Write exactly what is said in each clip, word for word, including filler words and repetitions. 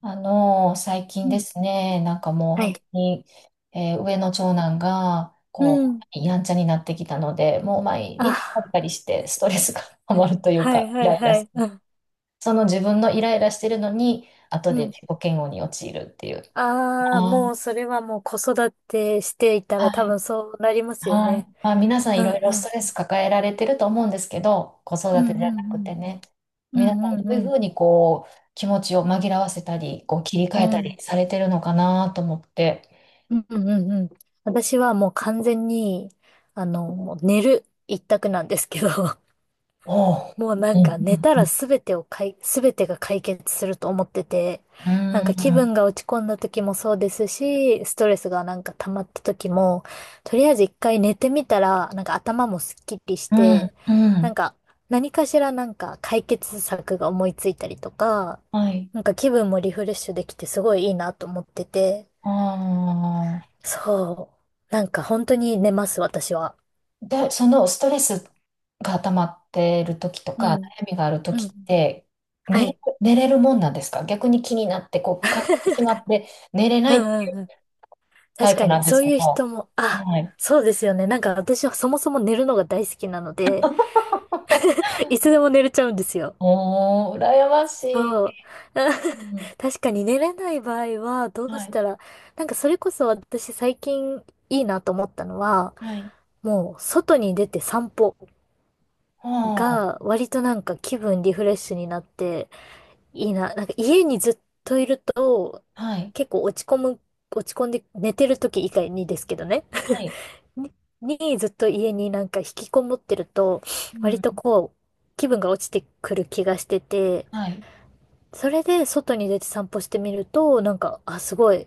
あの、最う近でん。すね、なんかもうは本い。当に、えー上の長男が、うこん。う、やんちゃになってきたので、もう毎日パあ、リパリしてストレスが 溜まるというはか、いイはラいイラはすい。る。うん。その自分のイライラしてるのに、後うでん。自己嫌悪に陥るっていう。ああ、あもうー、それはもう子育てしていたら多はい。分そうなりますよはね。い。まあ、皆さうんいんろいろうストん。レス抱えられてると思うんですけど、子育うんてじうゃなくてんね、うん。皆うさんんうどんうういうふん。うにこう、気持ちを紛らわせたり、こう、切り替うえたりんされてるのかなと思って。うんうんうん。私はもう完全に、あの、もう寝る一択なんですけど。おう。もうなうんん、か寝たうらん、すべてをかい、すべてが解決すると思ってて、うなんか気ん、分が落ち込んだ時もそうですし、ストレスがなんか溜まった時も、とりあえず一回寝てみたら、なんか頭もすっきりしうん。て、うなんん、か何かしらなんか解決策が思いついたりとか、はい。なんか気分もリフレッシュできてすごいいいなと思ってて、ああ。そう。なんか本当に寝ます、私は。で、そのストレスが溜まっている時とうか、ん。悩みがあるう時っん。て、は寝れ、い。寝れるもんなんですか？逆に気になって、こう、考えてしまって寝れなういっんてういうんうん。タ確イプかなに、んでそすうけいうど。人も、あ、はい。そうですよね。なんか私はそもそも寝るのが大好きなので、いつでも寝れちゃうんですよ。おー、羨ましい。そう。うん。確かに寝れない場合は、どうはしい。たら、なんかそれこそ私最近いいなと思ったのは、はい。もう外に出て散歩おあ、が割となんか気分リフレッシュになっていいな。なんか家にずっといるとはい。結構落ち込む、落ち込んで寝てる時以外にですけどね。はい。に、にずっと家になんか引きこもってると、う割とん。こう、気分が落ちてくる気がしてて、はい。それで外に出て散歩してみると、なんか、あ、すごい、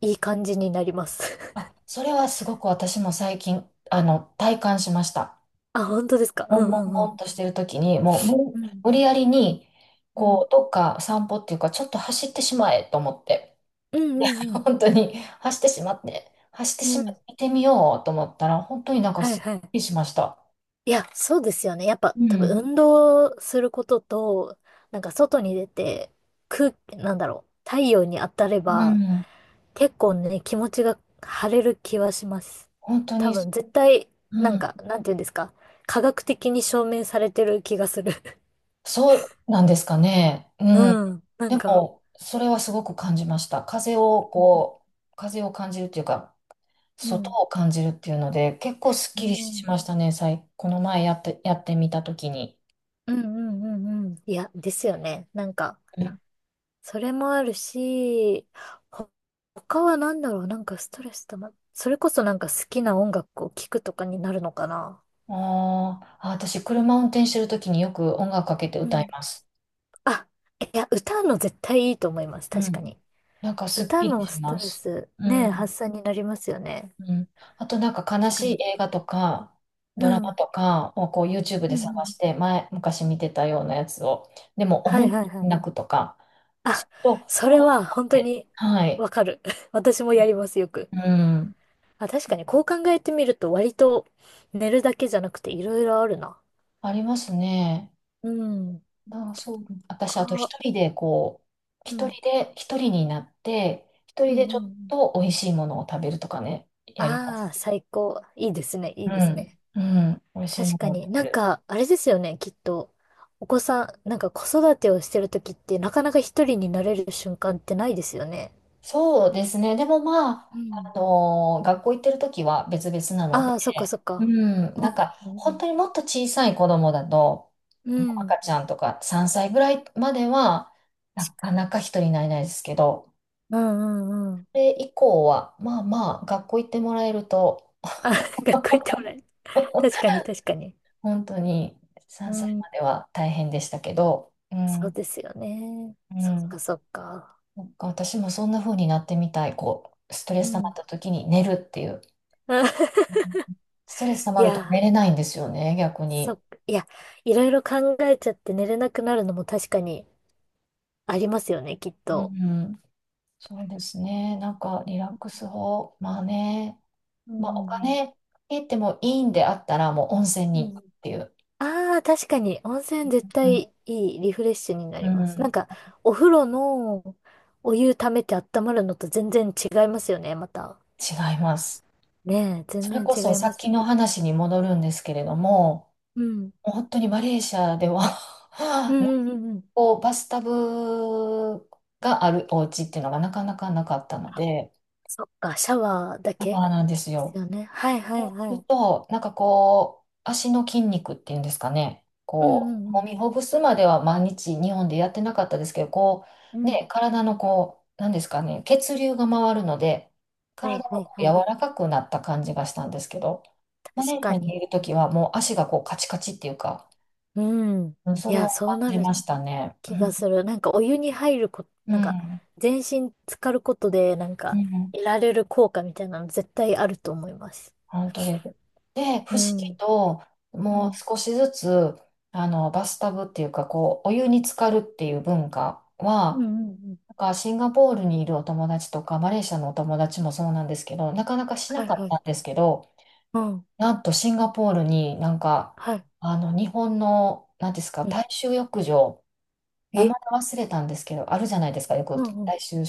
いい感じになります。あ、それはすごく私も最近、あの、体感しました。あ、本当ですか。うもんんもんうんうもんん。としてる時に、もう、無うん。無理やりに、うこん。う、どっか散歩っていうか、ちょっと走ってしまえと思って、うんう んうん。本当に走ってしまって、走ってうしまってん。見てみようと思ったら、本当になんかはいすっきはい。りしました。いや、そうですよね。やっぱう多分ん。運動することと、なんか外に出て、空、なんだろう、太陽に当たれうば、ん。結構ね、気持ちが晴れる気はします。本当多に、分絶対、なうんん。か、なんていうんですか。科学的に証明されてる気がする。そうなんですかね。うん。うん。なでんか、も、それはすごく感じました。風を、こう、風を感じるっていうか、う外ん。を感じるっていうので、結構すっうきりしん。ましたね、最、この前やって、やってみたときに。うんうんうんうん。いや、ですよね。なんか、うん、それもあるし、ほ他は何だろう。なんかストレスたま、それこそなんか好きな音楽を聴くとかになるのかな。あーあ、私、車運転してるときによく音楽かけてう歌いん。ます。あ、いや、歌うの絶対いいと思います。う確かん。に。なんかすっ歌きりのしストまレす。ス、うね、ん。発散になりますよね。うん。あと、なんか悲確かしに。い映画とか、うドラマん。とかをこう YouTube うんでう探ん。して、前、昔見てたようなやつを、でも、は思いいはいはい。泣くとか、あ、と、そあれはーっ本当て、にはい。わかる。私もやります、よく。うん。あ、確かに、こう考えてみると割と寝るだけじゃなくていろいろあるな。ありますね。うん。ああ、そう。私、こあとう、一人でこう、う一ん。人で、一人になって、一う人んでうちんうょっん。と美味しいものを食べるとかね、やりまああ、す。最高。いいですね、いういですね。ん。うん。美味しい確もかのを食に。べなんる。か、あれですよね、きっと。お子さん、なんか子育てをしてるときってなかなか一人になれる瞬間ってないですよね。そうですね。でもまうあ、ん。あのー学校行ってる時は別々なので、ああ、そっかそっうか。ん。なんか、う本ん。当にもっと小さい子供だと、うもう赤ん。ちゃんとかさんさいぐらいまでは、なかなか一人になれないですけど、うんうんうん。それ以降は、まあまあ、学校行ってもらえると、あ、学校行ってもらえる。確かに確かに。本当にうさんさいん。までは大変でしたけど、うん、そううですよね。そっん、かそっか。そっか私もそんな風になってみたい。こう、ストレうス溜まっん。た時に寝るっていう。うん、 ストレス溜いまると寝や、れないんですよね、逆そっに。か。いや、いろいろ考えちゃって寝れなくなるのも確かにありますよね、きっうと。ん、そうですね。なんかリラックス法、まあね、うまんあうおん金かけてもいいんであったらもう温泉うに行くっん。ていう。ああ、確かに、温泉絶うん、対いいリフレッシュになうります。なんん、か、お風呂のお湯溜めて温まるのと全然違いますよね、また。違います。ねえ、全それこそ然違いさまっきす。の話に戻るんですけれども、うん。もう本当にマレーシアでは うん うんうんうん。こう、バスタブがあるお家っていうのがなかなかなかったので、そっか、シャワーだそうけでなんですすよ。よね。はいはそいうはするい。と、なんかこう、足の筋肉っていうんですかね、うんうこう、んう揉ん。みほぐすまでは毎日日本でやってなかったですけど、こうう、ん。ね、体のこう、なんですかね、血流が回るので、はい体がはいこう柔はい。らかくなった感じがしたんですけど、マ確レーシかアにに。いるときはもう足がこうカチカチっていうか、うん。うん、そいれをや、そ感うなじるましたね。う気ん。がする。なんかお湯に入るこ、うなんかん。全身浸かることで、なんうかん、得られる効果みたいなの絶対あると思います。本当です。で、不う思議ん。と、うもうん。少しずつ、あの、バスタブっていうか、こう、お湯に浸かるっていう文化うんは、うんうん。なんかシンガポールにいるお友達とか、マレーシアのお友達もそうなんですけど、なかなかしはないかっはい。たんですけど、うん。なんとシンガポールになんか、はい。あの、日本の、なんですか、うん。大衆浴場、名前え忘れたんですけど、あるじゃないですか、よくうんうん。大衆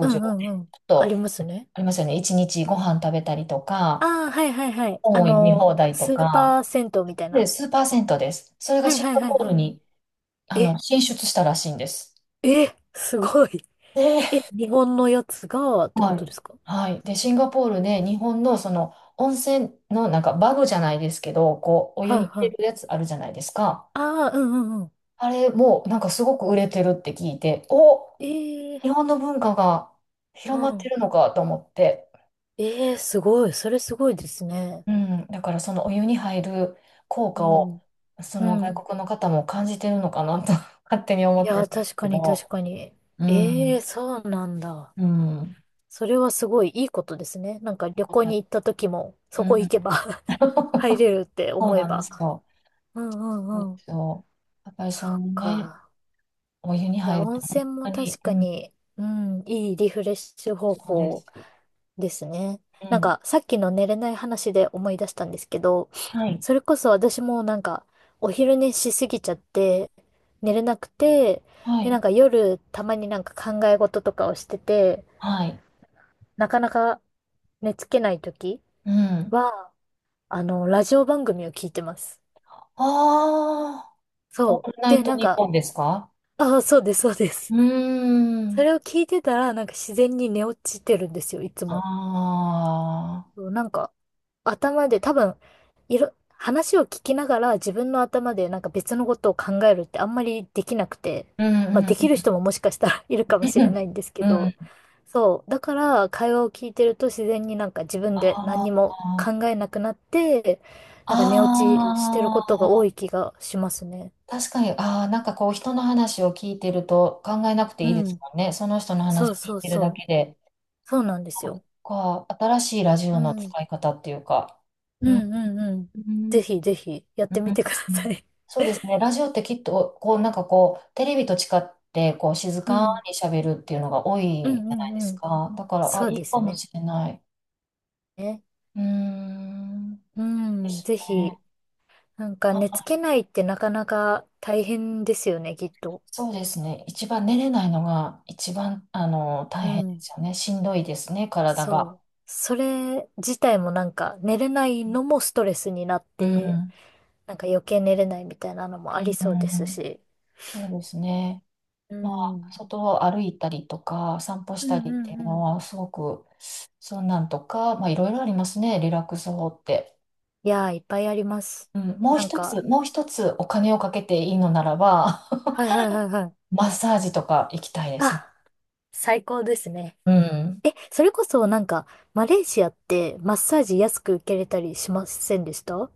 う場。んちうょんうん。っありと、ますね。ありますよね、一日ご飯食べたりとか、ああ、はいはいはい。本あを読みの、放題とスーか、パー銭湯みたいで、な。数パーセントです。それがはいシンはいガはいポールはに、あい。の、え、進出したらしいんです。え、すごい。で、え、日本のやつがってこはとでい。すか？はい。で、シンガポールで日本のその温泉のなんかバグじゃないですけど、こう、お湯はいに入れはるやい。つあるじゃないですか。ああ、うんうんうん。あれもなんかすごく売れてるって聞いて、お、え日え本の文化がう広まってん。るのかと思って。ええすごい。それすごいですね。うん。だからそのお湯に入る効う果ん。を、そうの外ん。国の方も感じてるのかなと 勝手に思いってるや、んです確けかに確ど。かに。うえん。えそうなんだ。うん。それはすごいいいことですね。なんか旅行うに行った時も、そこ行ん、けば 入れるってそう思えなんでば。すよ。うんうそうでんうん。すよ。やっぱりそそっのね、か。お湯にいや、入る温と泉本も当に、確うかん、に、うん、いいリフレッシュ方そうで法す。ですね。うなんん。か、さっきの寝れない話で思い出したんですけど、はい。それこそ私もなんか、お昼寝しすぎちゃって、寝れなくて、はで、ない。んか夜、たまになんか考え事とかをしてて、はい。なかなか寝つけない時うん。は、あの、ラジオ番組を聞いてます。ああ、オそう。ールナイで、トなんニッか、ポンですか？ああ、そうです、そうでうす。ーそん。れを聞いてたら、なんか自然に寝落ちてるんですよ、いつあも。あ、そうなんか、頭で多分、いろ、話を聞きながら自分の頭でなんか別のことを考えるってあんまりできなくて、うん、まあうん、できるう人ももしかしたら いるん。かもしれないん ですけうど、ん。そう。だから会話を聞いてると自然になんか自分で何あにもあ、考えなくなって、なんか寝落ちしてるあことがあ、多い気がしますね。確かに、ああ、なんかこう人の話を聞いてると考えなくていいうですん。もんね。その人のそ話う聞いそうてるそだう。けで。そうなんですよ。か、新しいラジうオのん。使い方っていうか、ううん、んうんうん。うぜん、ひぜひやっうん、てみてください。そうです ね、ラジオってきっと、こう、なんかこう、テレビと違って、こう、静うかん。に喋るっていうのが多うんいじゃうないでんうすん。か。だから、あ、そういでいかすもね。しれない。うーん、うでん、すぜね。ひ、なんか寝あ、つけないってなかなか大変ですよね、きっと。そうですね、一番寝れないのが、一番、あの、大う変でん、すよね。しんどいですね、体が。そう。それ自体もなんか寝れないうのもストレスになっん、うて、ん、なんか余計寝れないみたいなのもうありん、そううですん、し。そうですね。うまあ、ん、外を歩いたりとか、散歩しうたんりっうていうんうのん。は、すごく、そんなんとか、まあ、いろいろありますね、リラックス法って。いやー、いっぱいあります。うん、もうなん一つ、か、もう一つお金をかけていいのならば、はいはいはいはい。マッサージとか行きたいですね。あ、最高ですね。うん。え、それこそなんか、マレーシアってマッサージ安く受けれたりしませんでした？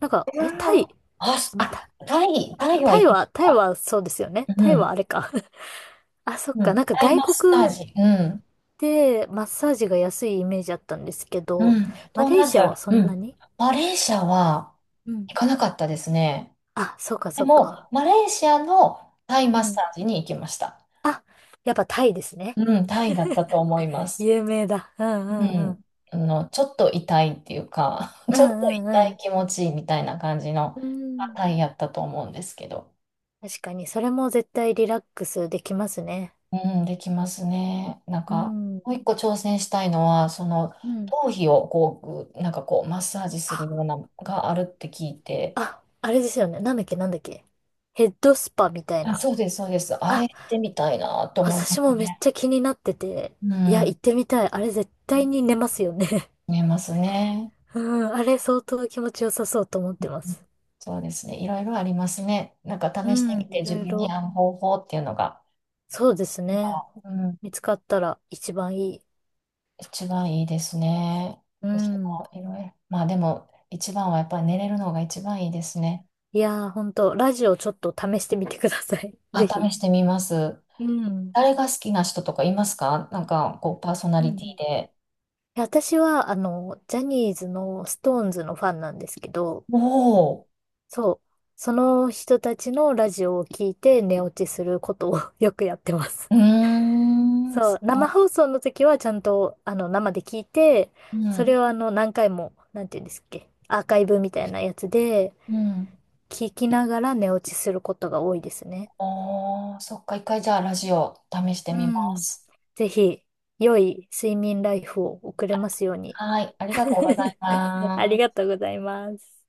なんか、うえ、タわー、イ、あ、すんあ、タ、タイ、タイはタ行イきましは、タイた。はそうですよね。うタイはん。あれか。 あ、そっうか。なん。んかタイ外マッサー国ジ。うん。でマッサージが安いイメージあったんですけうど、ん。マ東南レーアジシアはア。そうんなん。に。マレーシアはうん。行かなかったですね。あ、そっかでそっも、か。マレーシアのタイうマッサん。ージに行きました。あ、やっぱタイですね。うん、タイだったと思います。有名だ。うんううんうん。ん。あの、ちょっと痛いっていうか、うちょっとんうん痛ういん。気持ちいいみたいな感じの、うあ、ん。タイやったと思うんですけど。確かに、それも絶対リラックスできますね。うん、できますね。なんうか、ん。もう一個挑戦したいのは、その、うん。頭皮をこう、ぐなんかこう、マッサージするようなのがあるって聞いて、あ、あれですよね。なんだっけなんだっけ。ヘッドスパみたいあ、な。そうです、そうです。あれあ、してみたいなと思いま私すもめっね。ちゃ気になってて。ういや、行ん、ってみたい。あれ絶対に寝ますよね。見えますね。うん、あれ相当気持ちよさそうと思ってます。そうですね。いろいろありますね。なんかう試してん、みていろ自い分にろ。合う方法っていうのが、そうですやっね。ぱ、うん、見つかったら一番いい。一番いいですね。う私ん。もいろいろ。まあでも、一番はやっぱり寝れるのが一番いいですね。いやー、ほんと、ラジオちょっと試してみてください。あ、ぜ試ひ。してみます。うん。誰が好きな人とかいますか？なんか、こう、パーソナうリんテうィん。で。いや私は、あの、ジャニーズのストーンズのファンなんですけど、おお、そう。その人たちのラジオを聞いて寝落ちすることを よくやってます。うーん、そそう、生放送の時はちゃんと、あの、生で聞いて、う、うそれん、をあの、何回も、なんていうんですっけ、アーカイブみたいなやつで、うん。聞きながら寝落ちすることが多いですね。おー、そっか、一回じゃあラジオ試してうみまん。す。ぜひ、良い睡眠ライフを送れますように。はい、ありがとうござい あまりがす。とうございます。